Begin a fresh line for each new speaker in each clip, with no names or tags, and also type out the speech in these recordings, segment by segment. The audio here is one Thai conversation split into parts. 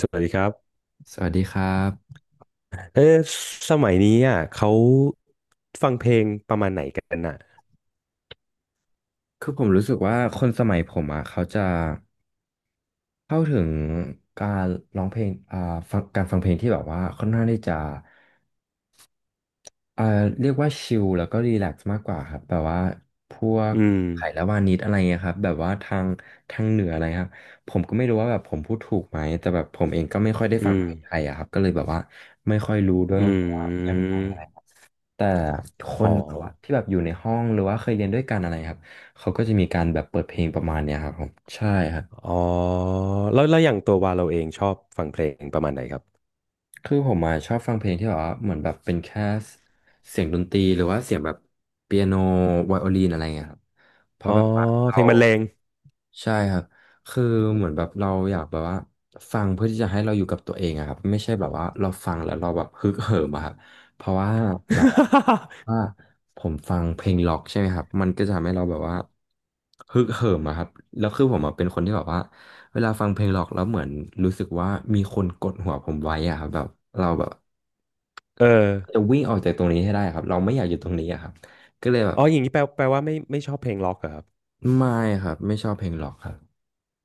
สวัสดีครับ
สวัสดีครับ
เออสมัยนี้อ่ะเขาฟังเพลงประมาณไหนกันอ่ะ
คือผมรู้สึกว่าคนสมัยผมอ่ะเขาจะเข้าถึงการร้องเพลงฟังการฟังเพลงที่แบบว่าค่อนข้างที่จะอ่าเรียกว่าชิลแล้วก็รีแลกซ์มากกว่าครับแบบว่าพวก
อืม
ไผ่ละวานิดอะไรเงี้ยครับแบบว่าทางเหนืออะไรครับผมก็ไม่รู้ว่าแบบผมพูดถูกไหมแต่แบบผมเองก็ไม่ค่อยได้ฟั
อื
ง
ม
เพลงไทยอะครับก็เลยแบบว่าไม่ค่อยรู้ด้วย
อื
ว่าแบบว่ายัง
ม
ไงอะไร แต่ค
อ๋
น
อ
แบบว่าที่แบบอยู่ในห้องหรือว่าเคยเรียนด้วยกันอะไรครับเขาก็จะมีการแบบเปิดเพลงประมาณเนี้ยครับผมใช่ครับ
อ๋อแล้วอย่างตัววาเราเองชอบฟังเพลงประมาณไหนครับ
คือผมอะชอบฟังเพลงที่แบบว่าเหมือนแบบเป็นแค่เสียงดนตรีหรือว่าเสียงแบบเปียโนไวโอลินอะไรเงี้ยครับ เพ
อ๋อ
ราะแบบว่า
เพ
เรา
ลงบรรเลง
ใช่ครับคือเหมือนแบบเราอยากแบบว่าฟังเพื่อที่จะให้เราอยู่กับตัวเองอะครับไม่ใช่แบบว่าเราฟังแล้วเราแบบฮึกเหิมอะครับเพราะว่าแบบว่าว่า ผมฟังเพลงล็อกใช่ไหมครับมันก็จะทำให้เราแบบว่าฮึกเหิมอะครับแล้วคือผมอะเป็นคนที่แบบว่าเวลาฟังเพลงล็อกแล้วเหมือนรู้สึกว่ามีคนกดหัวผมไว้อะครับแบบเราแบบ
เออ
จะวิ่งออกจากตรงนี้ให้ได้ครับเราไม่อยากอยู่ตรงนี้อะครับก็เลยแบบ
อ๋ออย่างนี้แปลว่าไม่ชอบเพลงล็อกเหรอครับ
ไม่ครับไม่ชอบเพลงล็อกครับ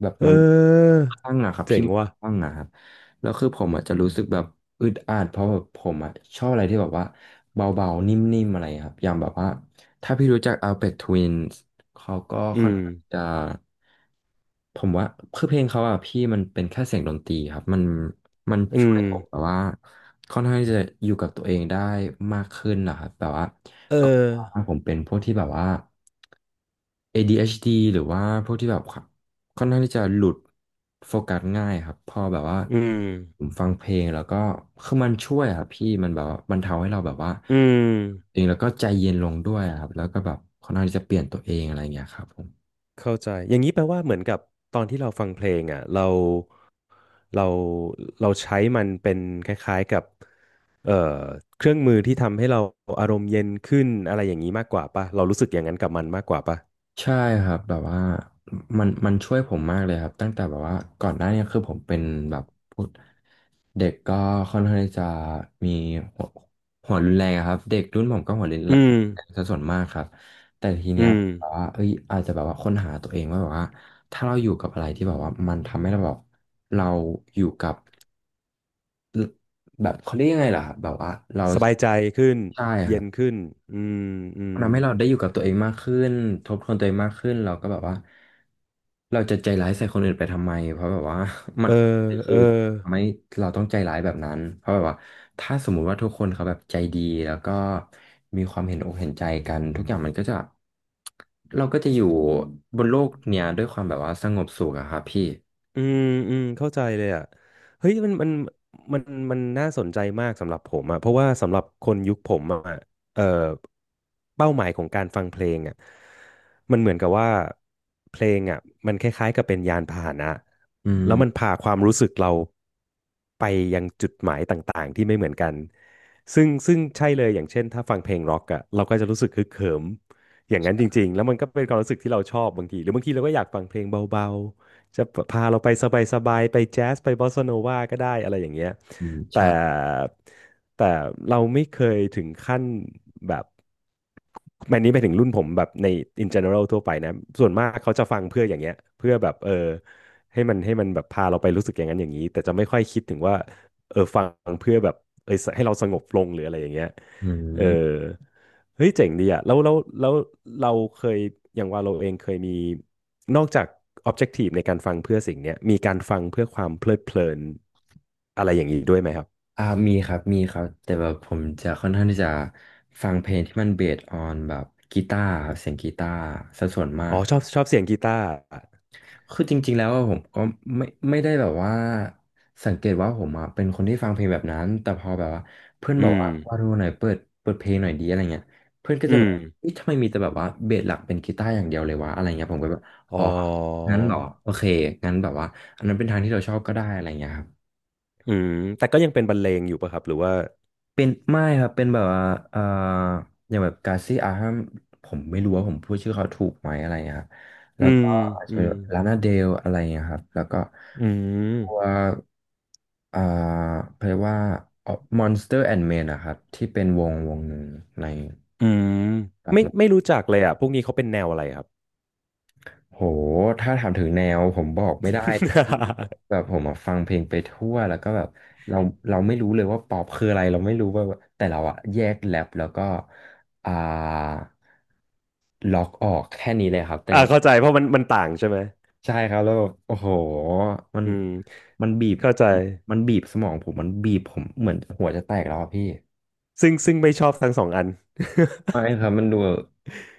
แบบ
เ
มัน
ออ
คลั่งอะครับ
เจ๋
พี่
ง
มัน
ว่ะ
คลั่งอะครับแล้วคือผมอาจจะรู้สึกแบบอึดอัดเพราะแบบผมอะชอบอะไรที่แบบว่าเบาๆนิ่มๆอะไรครับอย่างแบบว่าถ้าพี่รู้จัก Aphex Twin เขาก็
อื
ค่อน
ม
ข้างจะผมว่าคือเพลงเขาอะพี่มันเป็นแค่เสียงดนตรีครับมัน
อื
ช่ว
ม
ยผมแบบว่าค่อนข้างี้จะอยู่กับตัวเองได้มากขึ้นนะครับแบบว่า
เอ
ก็
อ
ผมเป็นพวกที่แบบว่า ADHD หรือว่าพวกที่แบบ ค่อนข้างที่จะหลุดโฟกัสง่ายครับพอแบบว่า
อืม
ผมฟังเพลงแล้วก็คือมันช่วยครับพี่มันแบบว่าบรรเทาให้เราแบบว่า
อื
เอ
ม
งแล้วก็ใจเย็นลงด้วยครับแล้วก็แบบค่อนข้างที่จะเปลี่ยนตัวเองอะไรอย่างเงี้ยครับผม
เข้าใจอย่างนี้แปลว่าเหมือนกับตอนที่เราฟังเพลงอ่ะเราเราใช้มันเป็นคล้ายๆกับเอ่อเครื่องมือที่ทำให้เราอารมณ์เย็นขึ้นอะไรอย่างนี้มากกว่าป่ะเรารู้สึกอย่างนั้นกับมันมากกว่าป่ะ
ใช่ครับแบบว่ามันช่วยผมมากเลยครับตั้งแต่แบบว่าก่อนหน้าเนี้คือผมเป็นแบบพูด เด็กก็ค่อนข้างที่จะมีหัวหัวรุนแรงอะครับเด็กรุ่นผมก็หัวรุน
อื
แร
ม
งซะส่วนมากครับแต่ที
อื
เนี้ย
ม
แบบว่าเอ้ยอาจจะแบบว่าค้นหาตัวเองว่าแบบว่าถ้าเราอยู่กับอะไรที่แบบว่ามันทำให้เราแบบเราอยู่กับแบบเขาเรียกยังไงล่ะครับแบบว่าเรา
สบายใจขึ้น
ใช่ค
เย็
รั
น
บ
ขึ้น อืมอื
มั
ม
นทำให้เราได้อยู่กับตัวเองมากขึ้นทบทวนตัวเองมากขึ้นเราก็แบบว่าเราจะใจร้ายใส่คนอื่นไปทำไมเพราะแบบว่า มั
เอ
น
อเอ
คือ
อ
ทำให้เราต้องใจร้ายแบบนั้นเพราะแบบว่าถ้าสมมุติว่าทุกคนเขาแบบใจดีแล้วก็มีความเห็นอกเห็นใจกันทุกอย่างมันก็จะเราก็จะอยู่บนโลกเนี้ยด้วยความแบบว่าสงบสุขอะครับพี่
อืมเข้าใจเลยอ่ะเฮ้ยมันมันน่าสนใจมากสำหรับผมอ่ะเพราะว่าสำหรับคนยุคผมอ่ะเอ่อเป้าหมายของการฟังเพลงอ่ะมันเหมือนกับว่าเพลงอ่ะมันคล้ายๆกับเป็นยานพาหนะ
อืม
แล้วมันพาความรู้สึกเราไปยังจุดหมายต่างๆที่ไม่เหมือนกันซึ่งใช่เลยอย่างเช่นถ้าฟังเพลงร็อกอ่ะเราก็จะรู้สึกฮึกเหิมอย่างนั้นจริงๆแล้วมันก็เป็นความรู้สึกที่เราชอบบางทีหรือบางทีเราก็อยากฟังเพลงเบาๆ จะพาเราไปสบายๆไปแจ๊สไปบอสซาโนวาก็ได้อะไรอย่างเงี้ย
อืม
แต่
ใช่
แต่เราไม่เคยถึงขั้นแบบแมนนี้ไปถึงรุ่นผมแบบใน in general ทั่วไปนะส่วนมากเขาจะฟังเพื่ออย่างเงี้ยเพื่อแบบเออให้มันแบบพาเราไปรู้สึกอย่างนั้นอย่างนี้แต่จะไม่ค่อยคิดถึงว่าเออฟังเพื่อแบบเออให้เราสงบลงหรืออะไรอย่างเงี้ย
อื
เออ
ม
เฮ้ยเจ๋งดีอ่ะแล้วเราเคยอย่างว่าเราเองเคยมี นอกจาก objective ในการฟังเพื่อสิ่งเนี้ยมีการฟังเพื่อความเพลิดเพลินอะไรอย่างนี้ด้วยไหมครับ
อ่ามีครับมีครับแต่แบบผมจะค่อนข้างที่จะฟังเพลงที่มันเบสออนแบบกีตาร์ครับเสียงกีตาร์ซะส่วนมา
อ๋อ
ก
ชอบเสียงกีตาร์
คือจริงๆแล้วอะผมก็ไม่ไม่ได้แบบว่าสังเกตว่าผมอ่ะเป็นคนที่ฟังเพลงแบบนั้นแต่พอแบบว่าเพื่อน
อื
บอก
ม
ว่าดูหน่อยเปิดเพลงหน่อยดีอะไรเงี้ยเพื่อนก็จะ
อื
แบ
ม
บเอ๊ะทำไมมีแต่แบบว่าเบสหลักเป็นกีตาร์อย่างเดียวเลยวะอะไรเงี้ยผมก็แบบ
อ๋
อ๋
อ
องั้นเหรอโอเคงั้นแบบว่าอันนั้นเป็นทางที่เราชอบก็ได้อะไรเงี้ยครับ
อืมแต่ก็ยังเป็นบรรเลงอยู่ป่ะครับหรือว่า
เป็นไม่ครับเป็นแบบว่าเอ่ออย่างแบบกาซี่อาฮัมผมไม่รู้ว่าผมพูดชื่อเขาถูกไหมอะไรเงี้ยครับแล้
อื
ว
ม
ก็อาจจะ
อื
เป็น
ม
แบบลานาเดลอะไรเงี้ยครับแล้วก็
อื
ตัว
ม
เอ่อเพรียกว่า Monster and Men นะครับที่เป็นวงหนึ่งใน
อืมไม่
ครั
ไม่
บ
รู้จักเลยอ่ะพวกนี้เขาเป็นแนวอะไรครับ
โหถ้าถามถึงแนวผมบอกไม่ได้ดิพี่แบบผมอะฟังเพลงไปทั่วแล้วก็แบบเราเราไม่รู้เลยว่าป๊อปคืออะไรเราไม่รู้ว่าแต่เราอะแยกแรปแล้วก็อ่าล็อกออกแค่นี้เลยครับแต่
อ่าเข้าใจเพราะมันต่างใช่ไหม
ใช่ครับแล้วแบบโอ้โหมัน
อืม
มันบีบ
เข้าใจ
มันบีบสมองผมมันบีบผมเหมือนหัวจะแตกแล้วอะพี่
ซึ่งไม่ชอบทั้งสองอัน
ไม่ครับมันดู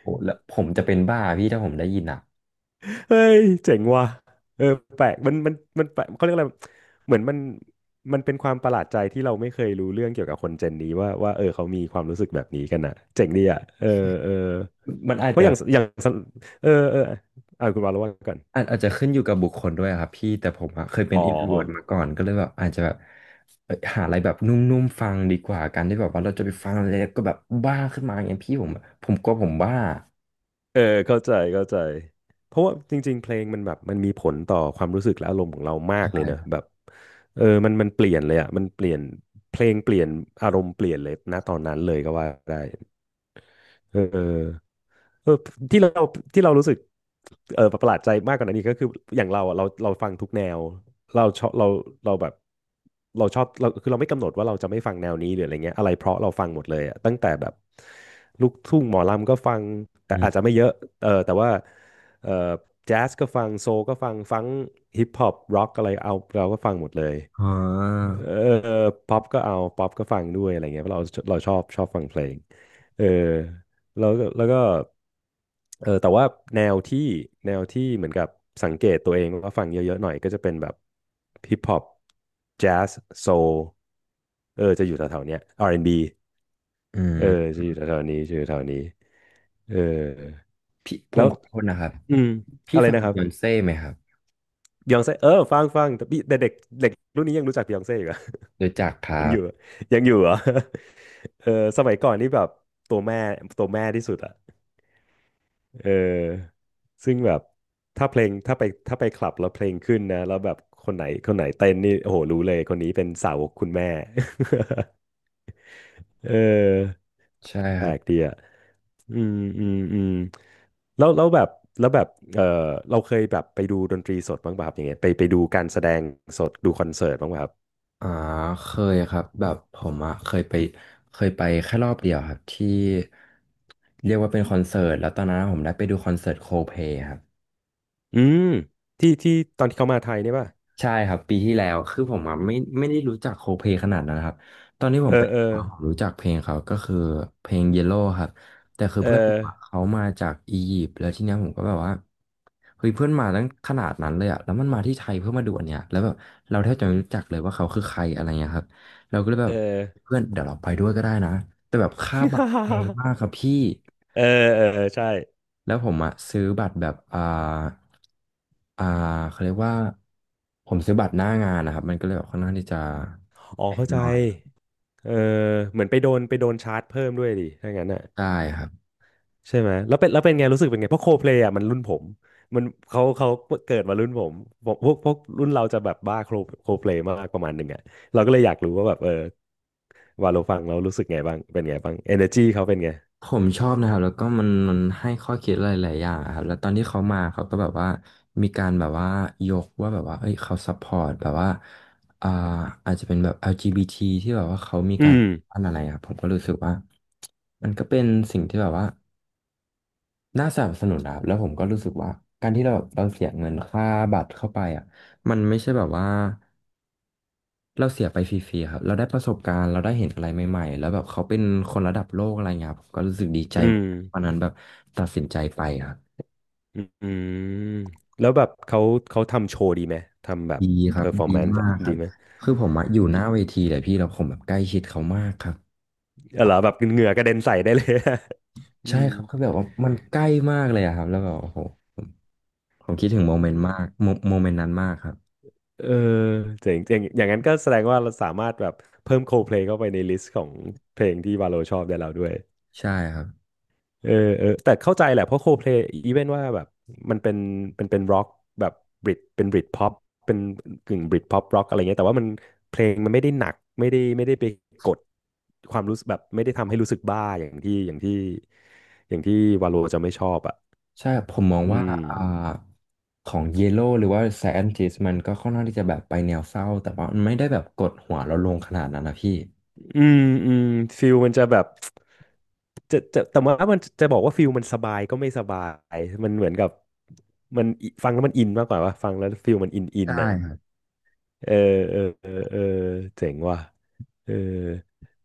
โอ้โหแล้วผมจะเป็นบ้าพี่ถ้าผมได้ยินอะ
เฮ้ยเจ๋งว่ะเออแปลกมันแปลกเขาเรียกอะไรเหมือนมันเป็นความประหลาดใจที่เราไม่เคยรู้เรื่องเกี่ยวกับคนเจนนี้ว่าเออเขามีความรู้สึกแบบนี้กันอ่ะเจ๋งดีอ่ะเออเออ
มันอา
เพ
จ
ราะอ
จะ
ย่างอย่างเออเอออ่ะคุณวาแล้วว่าก่อน
อาจอาจจะขึ้นอยู่กับบุคคลด้วยอะครับพี่แต่ผมอะเคยเป็
อ๋
น
อ
อินโทรเวน์มาก่อนก็เลยแบบอาจจะแบบเอ้ยหาอะไรแบบนุ่มๆฟังดีกว่าการที่แบบว่าเราจะไปฟังอะไรแล้วก็แบบบ้าขึ้นมาอย่างเงี้ยพี่ผมกลัวผมบ้า
เออเข้าใจเพราะว่าจริงๆเพลงมันแบบมันมีผลต่อความรู้สึกและอารมณ์ของเรามากเลยเน
ใช่
อะแบบเออมันเปลี่ยนเลยอ่ะมันเปลี่ยนเพลงเปลี่ยนอารมณ์เปลี่ยนเลยณตอนนั้นเลยก็ว่าได้เออ เออที่เราที่เรารู้สึกเออประหลาดใจมากกว่านั้นอีกก็คืออย่างเราอะเราฟังทุกแนวเราชอบเราเราแบบเราชอบเราคือเราไม่กำหนดว่าเราจะไม่ฟังแนวนี้หรืออะไรเงี้ยอะไรเพราะเราฟังหมดเลยอะตั้งแต่แบบลูกทุ่งหมอลำก็ฟังแต่
อื
อาจจะ
ม
ไม่เยอะเออแต่ว่าเออแจ๊สก็ฟังโซลก็ฟังฮิปฮอปร็อกอะไรเอาเราก็ฟังหมดเลย
อ๋อ
เออป๊อปก็เอาป๊อปก็ฟังด้วยอะไรเงี้ยเพราะเราเราชอบฟังเพลงเออแล้วก็ เออแต่ว่าแนวที่แนวที่เหมือนกับสังเกตตัวเองว่าฟังเยอะๆหน่อยก็จะเป็นแบบฮิปฮอปแจ๊สโซลเออจะอยู่แถวๆเนี้ย R&B
อื
เออ
ม
จะอยู่แถวๆนี้จะอยู่แถวนี้เออ
พี่ผ
แล้
ม
ว
ขอโทษนะครับ
อืม
พี่
อะไร
ฟัง
นะครั
บ
บ
e ยอนเซ่ไหมครับ
บ e y องเซ่เออฟังแต่พี่แต่เด็กเด็กรุ่นนี้ยังรู้จักบ e y องเซ่อยู่เหรอ
รู้จักค
ยัง
รั
อ
บ
ยู่ยังอยู่เหรอ เออสมัยก่อนนี่แบบตัวแม่ตัวแม่ที่สุดอะ เออซึ่งแบบถ้าเพลงถ้าไปถ้าไปคลับแล้วเพลงขึ้นนะแล้วแบบคนไหนเต้นนี่โอ้โหรู้เลยคนนี้เป็นสาวกคุณแม่ เออ
ใช่
แป
ค
ล
รับ
กดีอ่ะอืมอืมอืมแล้วแล้วแบบแล้วแบบเออเราเคยแบบไปดูดนตรีสดบ้างป่ะครับอย่างเงี้ยไปดูการแสดงสดดูคอนเสิร์ตบ้างป่ะครับ
อ่าเคยครับแบบผมอะเคยไปเคยไปแค่รอบเดียวครับที่เรียกว่าเป็นคอนเสิร์ตแล้วตอนนั้นผมได้ไปดูคอนเสิร์ตโคเพลครับ
อืมที่ที่ตอนที่เขามาไทยเนี่ยป่ะ
ใช่ครับปีที่แล้วคือผมอะไม่ได้รู้จักโคเพขนาดนั้นนะครับตอนที่ผ
เอ
มไป
อเอ
ผ
อ
มรู้จักเพลงเขาก็คือเพลง Yellow ครับแต่คือ
เอ
เพื่อนผ
อ
มอะเขามาจากอียิปต์แล้วทีเนี้ยผมก็แบบว่าเฮ้ยเพื่อนมาตั้งขนาดนั้นเลยอะแล้วมันมาที่ไทยเพื่อมาดูอันเนี้ยแล้วแบบเราแทบจะไม่รู้จักเลยว่าเขาคือใครอะไรเงี้ยครับเราก็เลยแบ
เอ
บ
อ
เพื่อนเดี๋ยวเราไปด้วยก็ได้นะแต่แบบค่าบัตรแพงมากครับพี่
เออ เออเออใช่
แล้วผมอะซื้อบัตรแบบอ่าเขาเรียกว่าผมซื้อบัตรหน้างานนะครับมันก็เลยแบบค่อนข้างที่จะ
อ๋อ
แพง
เข้าใจ
หน่อย
เออเหมือนไปโดนชาร์จเพิ่มด้วยดิถ้างั้นอ่ะ
ใช่ครับ
ใช่ไหมแล้วเป็นไงรู้สึกเป็นไงเพราะโคเพลย์อ่ะมันรุ่นผมมันเขาเกิดมารุ่นผมพวกรุ่นเราจะแบบบ้าโคเพลย์มากประมาณหนึ่งอ่ะเราก็เลยอยากรู้ว่าแบบเออวาโลฟังเรารู้สึกไงบ้างเป็นไงบ้างเอเนอร์จีเขาเป็นไง
ผมชอบนะครับแล้วก็มันให้ข้อคิดหลายๆอย่างอะครับแล้วตอนที่เขามาเขาก็แบบว่ามีการแบบว่ายกว่าแบบว่าเอ้ยเขาซัพพอร์ตแบบว่าอ่าอาจจะเป็นแบบ LGBT ทีแบบว่าเขามีกา
อื
ร
ม
อะไรอะครับผมก็รู้สึกว่ามันก็เป็นสิ่งที่แบบว่า น่าสนับสนุนนะครับแล้วผมก็รู้สึกว่าการที่เราเสียเงินค่าบัตรเข้าไปอ่ะมันไม่ใช่แบบว่าเราเสียไปฟรีๆครับเราได้ประสบการณ์เราได้เห็นอะไรใหม่ๆแล้วแบบเขาเป็นคนระดับโลกอะไรเงี้ยครับผมก็รู้สึกดีใจ
อื
เหมื
ม
อนกันวันนั้นแบบตัดสินใจไปครับ
อืมแล้วแบบเขาทำโชว์ดีไหมทำแบบ
ดีค
เพ
รั
อ
บ
ร์ฟอร์
ดี
แมนซ์
มากค
ดี
รับ
ไหม
คือผมอะอยู่ห
ดี
น้าเวทีเลยพี่แล้วผมแบบใกล้ชิดเขามากครับ
เออเหรอแบบเหงื่อกระเด็นใส่ได้เลย อื
ใช่
ม
ครับคือแบบว่ามันใกล้มากเลยอะครับแล้วแบบโอ้โหผมผมคิดถึงโมเมนต์มา กโมเมนต์นั้นมากครับ
เออเจ๋งเจ๋งอย่างนั้นก็แสดงว่าเราสามารถแบบเพิ่ม Coldplay เข้าไปในลิสต์ของเพลงที่วาโลชอบได้แล้วด้วย
ใช่ครับ
เออเออแต่เข้าใจแหละเพราะ Coldplay อีเวนว่าแบบมันเป็นเป็นร็อกแบบบริตเป็นบริตพ็อปเป็นกึ่งบริตพ็อปร็อกอะไรเงี้ยแต่ว่ามันเพลงมันไม่ได้หนักไม่ได้ไปกดความรู้สึกแบบไม่ได้ทำให้รู้สึกบ้าอย่างที่วาโลจะไม่ชอบอ่ะ
ใช่ผมมอง
อื
ว่า
ม
อ่าของเยโ o หรือว่าแซนจิสมันก็ค่อนข้างที่จะแบบไปแนวเศร้าแต่ว่ามันไม่ได้แบบกดหัวเราลงขนาดนั้นนะพี่
อืมอืมฟิลมันจะแบบจะแต่ว่ามันจะบอกว่าฟิลมันสบายก็ไม่สบายมันเหมือนกับมันอิฟังแล้วมันอินมากกว่าว่าฟังแล้วฟิลมันอิน
ใช่
น่ะ
ครับ
เออเออเออเออเจ๋งว่ะเออ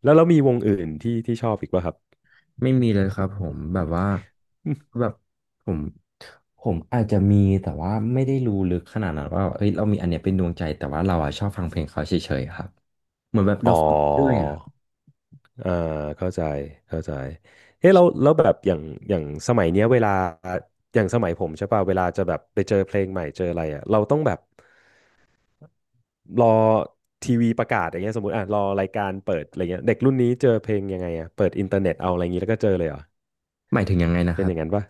แล้วเรามีวงอื่นที่ชอบอีกป่ะครับ
ไม่มีเลยครับผมแบบว่าแบบผมผมอาจจะมีแต่ว่าไม่ได้รู้ลึกขนาดนั้นว่าเอ้ยเรามีอันเนี้ยเป็นดวงใจแต่ว่าเราอ่ะชอบฟังเพลงเขาเฉยๆครับเหมือนแบบ
อ๋
เรา
อ
ฟังเรื่อยอะ
อ่าเข้าใจเข้าใจเฮ้ยเรา้แล้วแบบอย่างอย่างสมัยเนี้ยเวลาอย่างสมัยผมใช่ป่ะเวลาจะแบบไปเจอเพลงใหม่เจออะไรอ่ะเราต้องแบบ รอทีวีประกาศอย่างเงี้ยสมมติอ่ะรอรายการเปิดอะไรเงี้ยเด็กรุ่นนี้เจอเพลงยังไงอ่ะเปิดอินเทอร์เน็ตเอาอะไรอย่างงี้แล้วก็เจอเลยเหรอ
หมายถึงยังไงนะค
เป็น
รั
อ
บ
ย่างนั้นปะ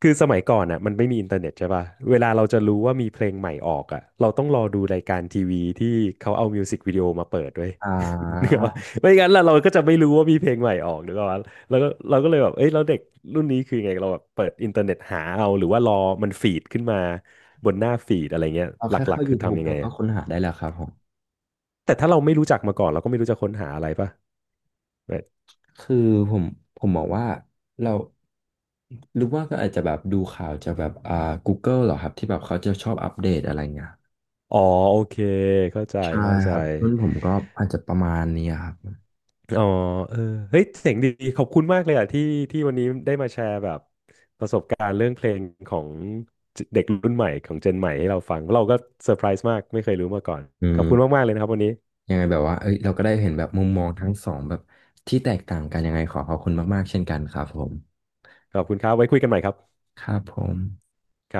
คือสมัยก่อนอ่ะมันไม่มีอินเทอร์เน็ตใช่ปะเวลาเราจะรู้ว่ามีเพลงใหม่ออกอ่ะเราต้องรอดูรายการทีวีที่เขาเอามิวสิกวิดีโอมาเปิดด้วย
อ่
นึก
า
ออกปะไม่งั้นเราก็จะไม่รู้ว่ามีเพลงใหม่ออกนึกออกปะแล้วก็เราก็เลยแบบเอ้ยแล้วเด็กรุ่นนี้คือไงเราแบบเปิดอินเทอร์เน็ตหาเอาหรือว่ารอมันฟีดขึ้นมาบนหน้าฟีดอะไรเงี้ย
เอา
ห
แค่
ลัก
เข้า
ๆคือ
YouTube
ทำยัง
แล้
ไง
วก็
อะ
ค้นหาได้แล้วครับผม
แต่ถ้าเราไม่รู้จักมาก่อนเราก็ไม่รู้จะค้นหาอะไรป่ะแบบ
คือผมผมมองว่าเราหรือว่าก็อาจจะแบบดูข่าวจากแบบGoogle เหรอครับที่แบบเขาจะชอบอัปเดตอะไรเงี้ย
อ๋อโอเคเข้าใจ
ใช่
เข้าใจ
ครับรุ่นผมก็อาจจะประมาณนี้ครับ
อ๋อเออเฮ้ยเสียงดีขอบคุณมากเลยอ่ะที่วันนี้ได้มาแชร์แบบประสบการณ์เรื่องเพลงของเด็กรุ่นใหม่ของเจนใหม่ให้เราฟังเราก็เซอร์ไพรส์มากไม่เคยรู้มาก่อน
อื
ขอ
ม
บคุณมากๆเลยนะครับวันนี้
ยังไงแบบว่าเอ้ยเราก็ได้เห็นแบบมุมมองทั้งสองแบบที่แตกต่างกันยังไงขอขอบคุณมากๆเช่นกันครับผม
ขอบคุณครับไว้คุยกันใหม่ครับ
ครับผม
ครับ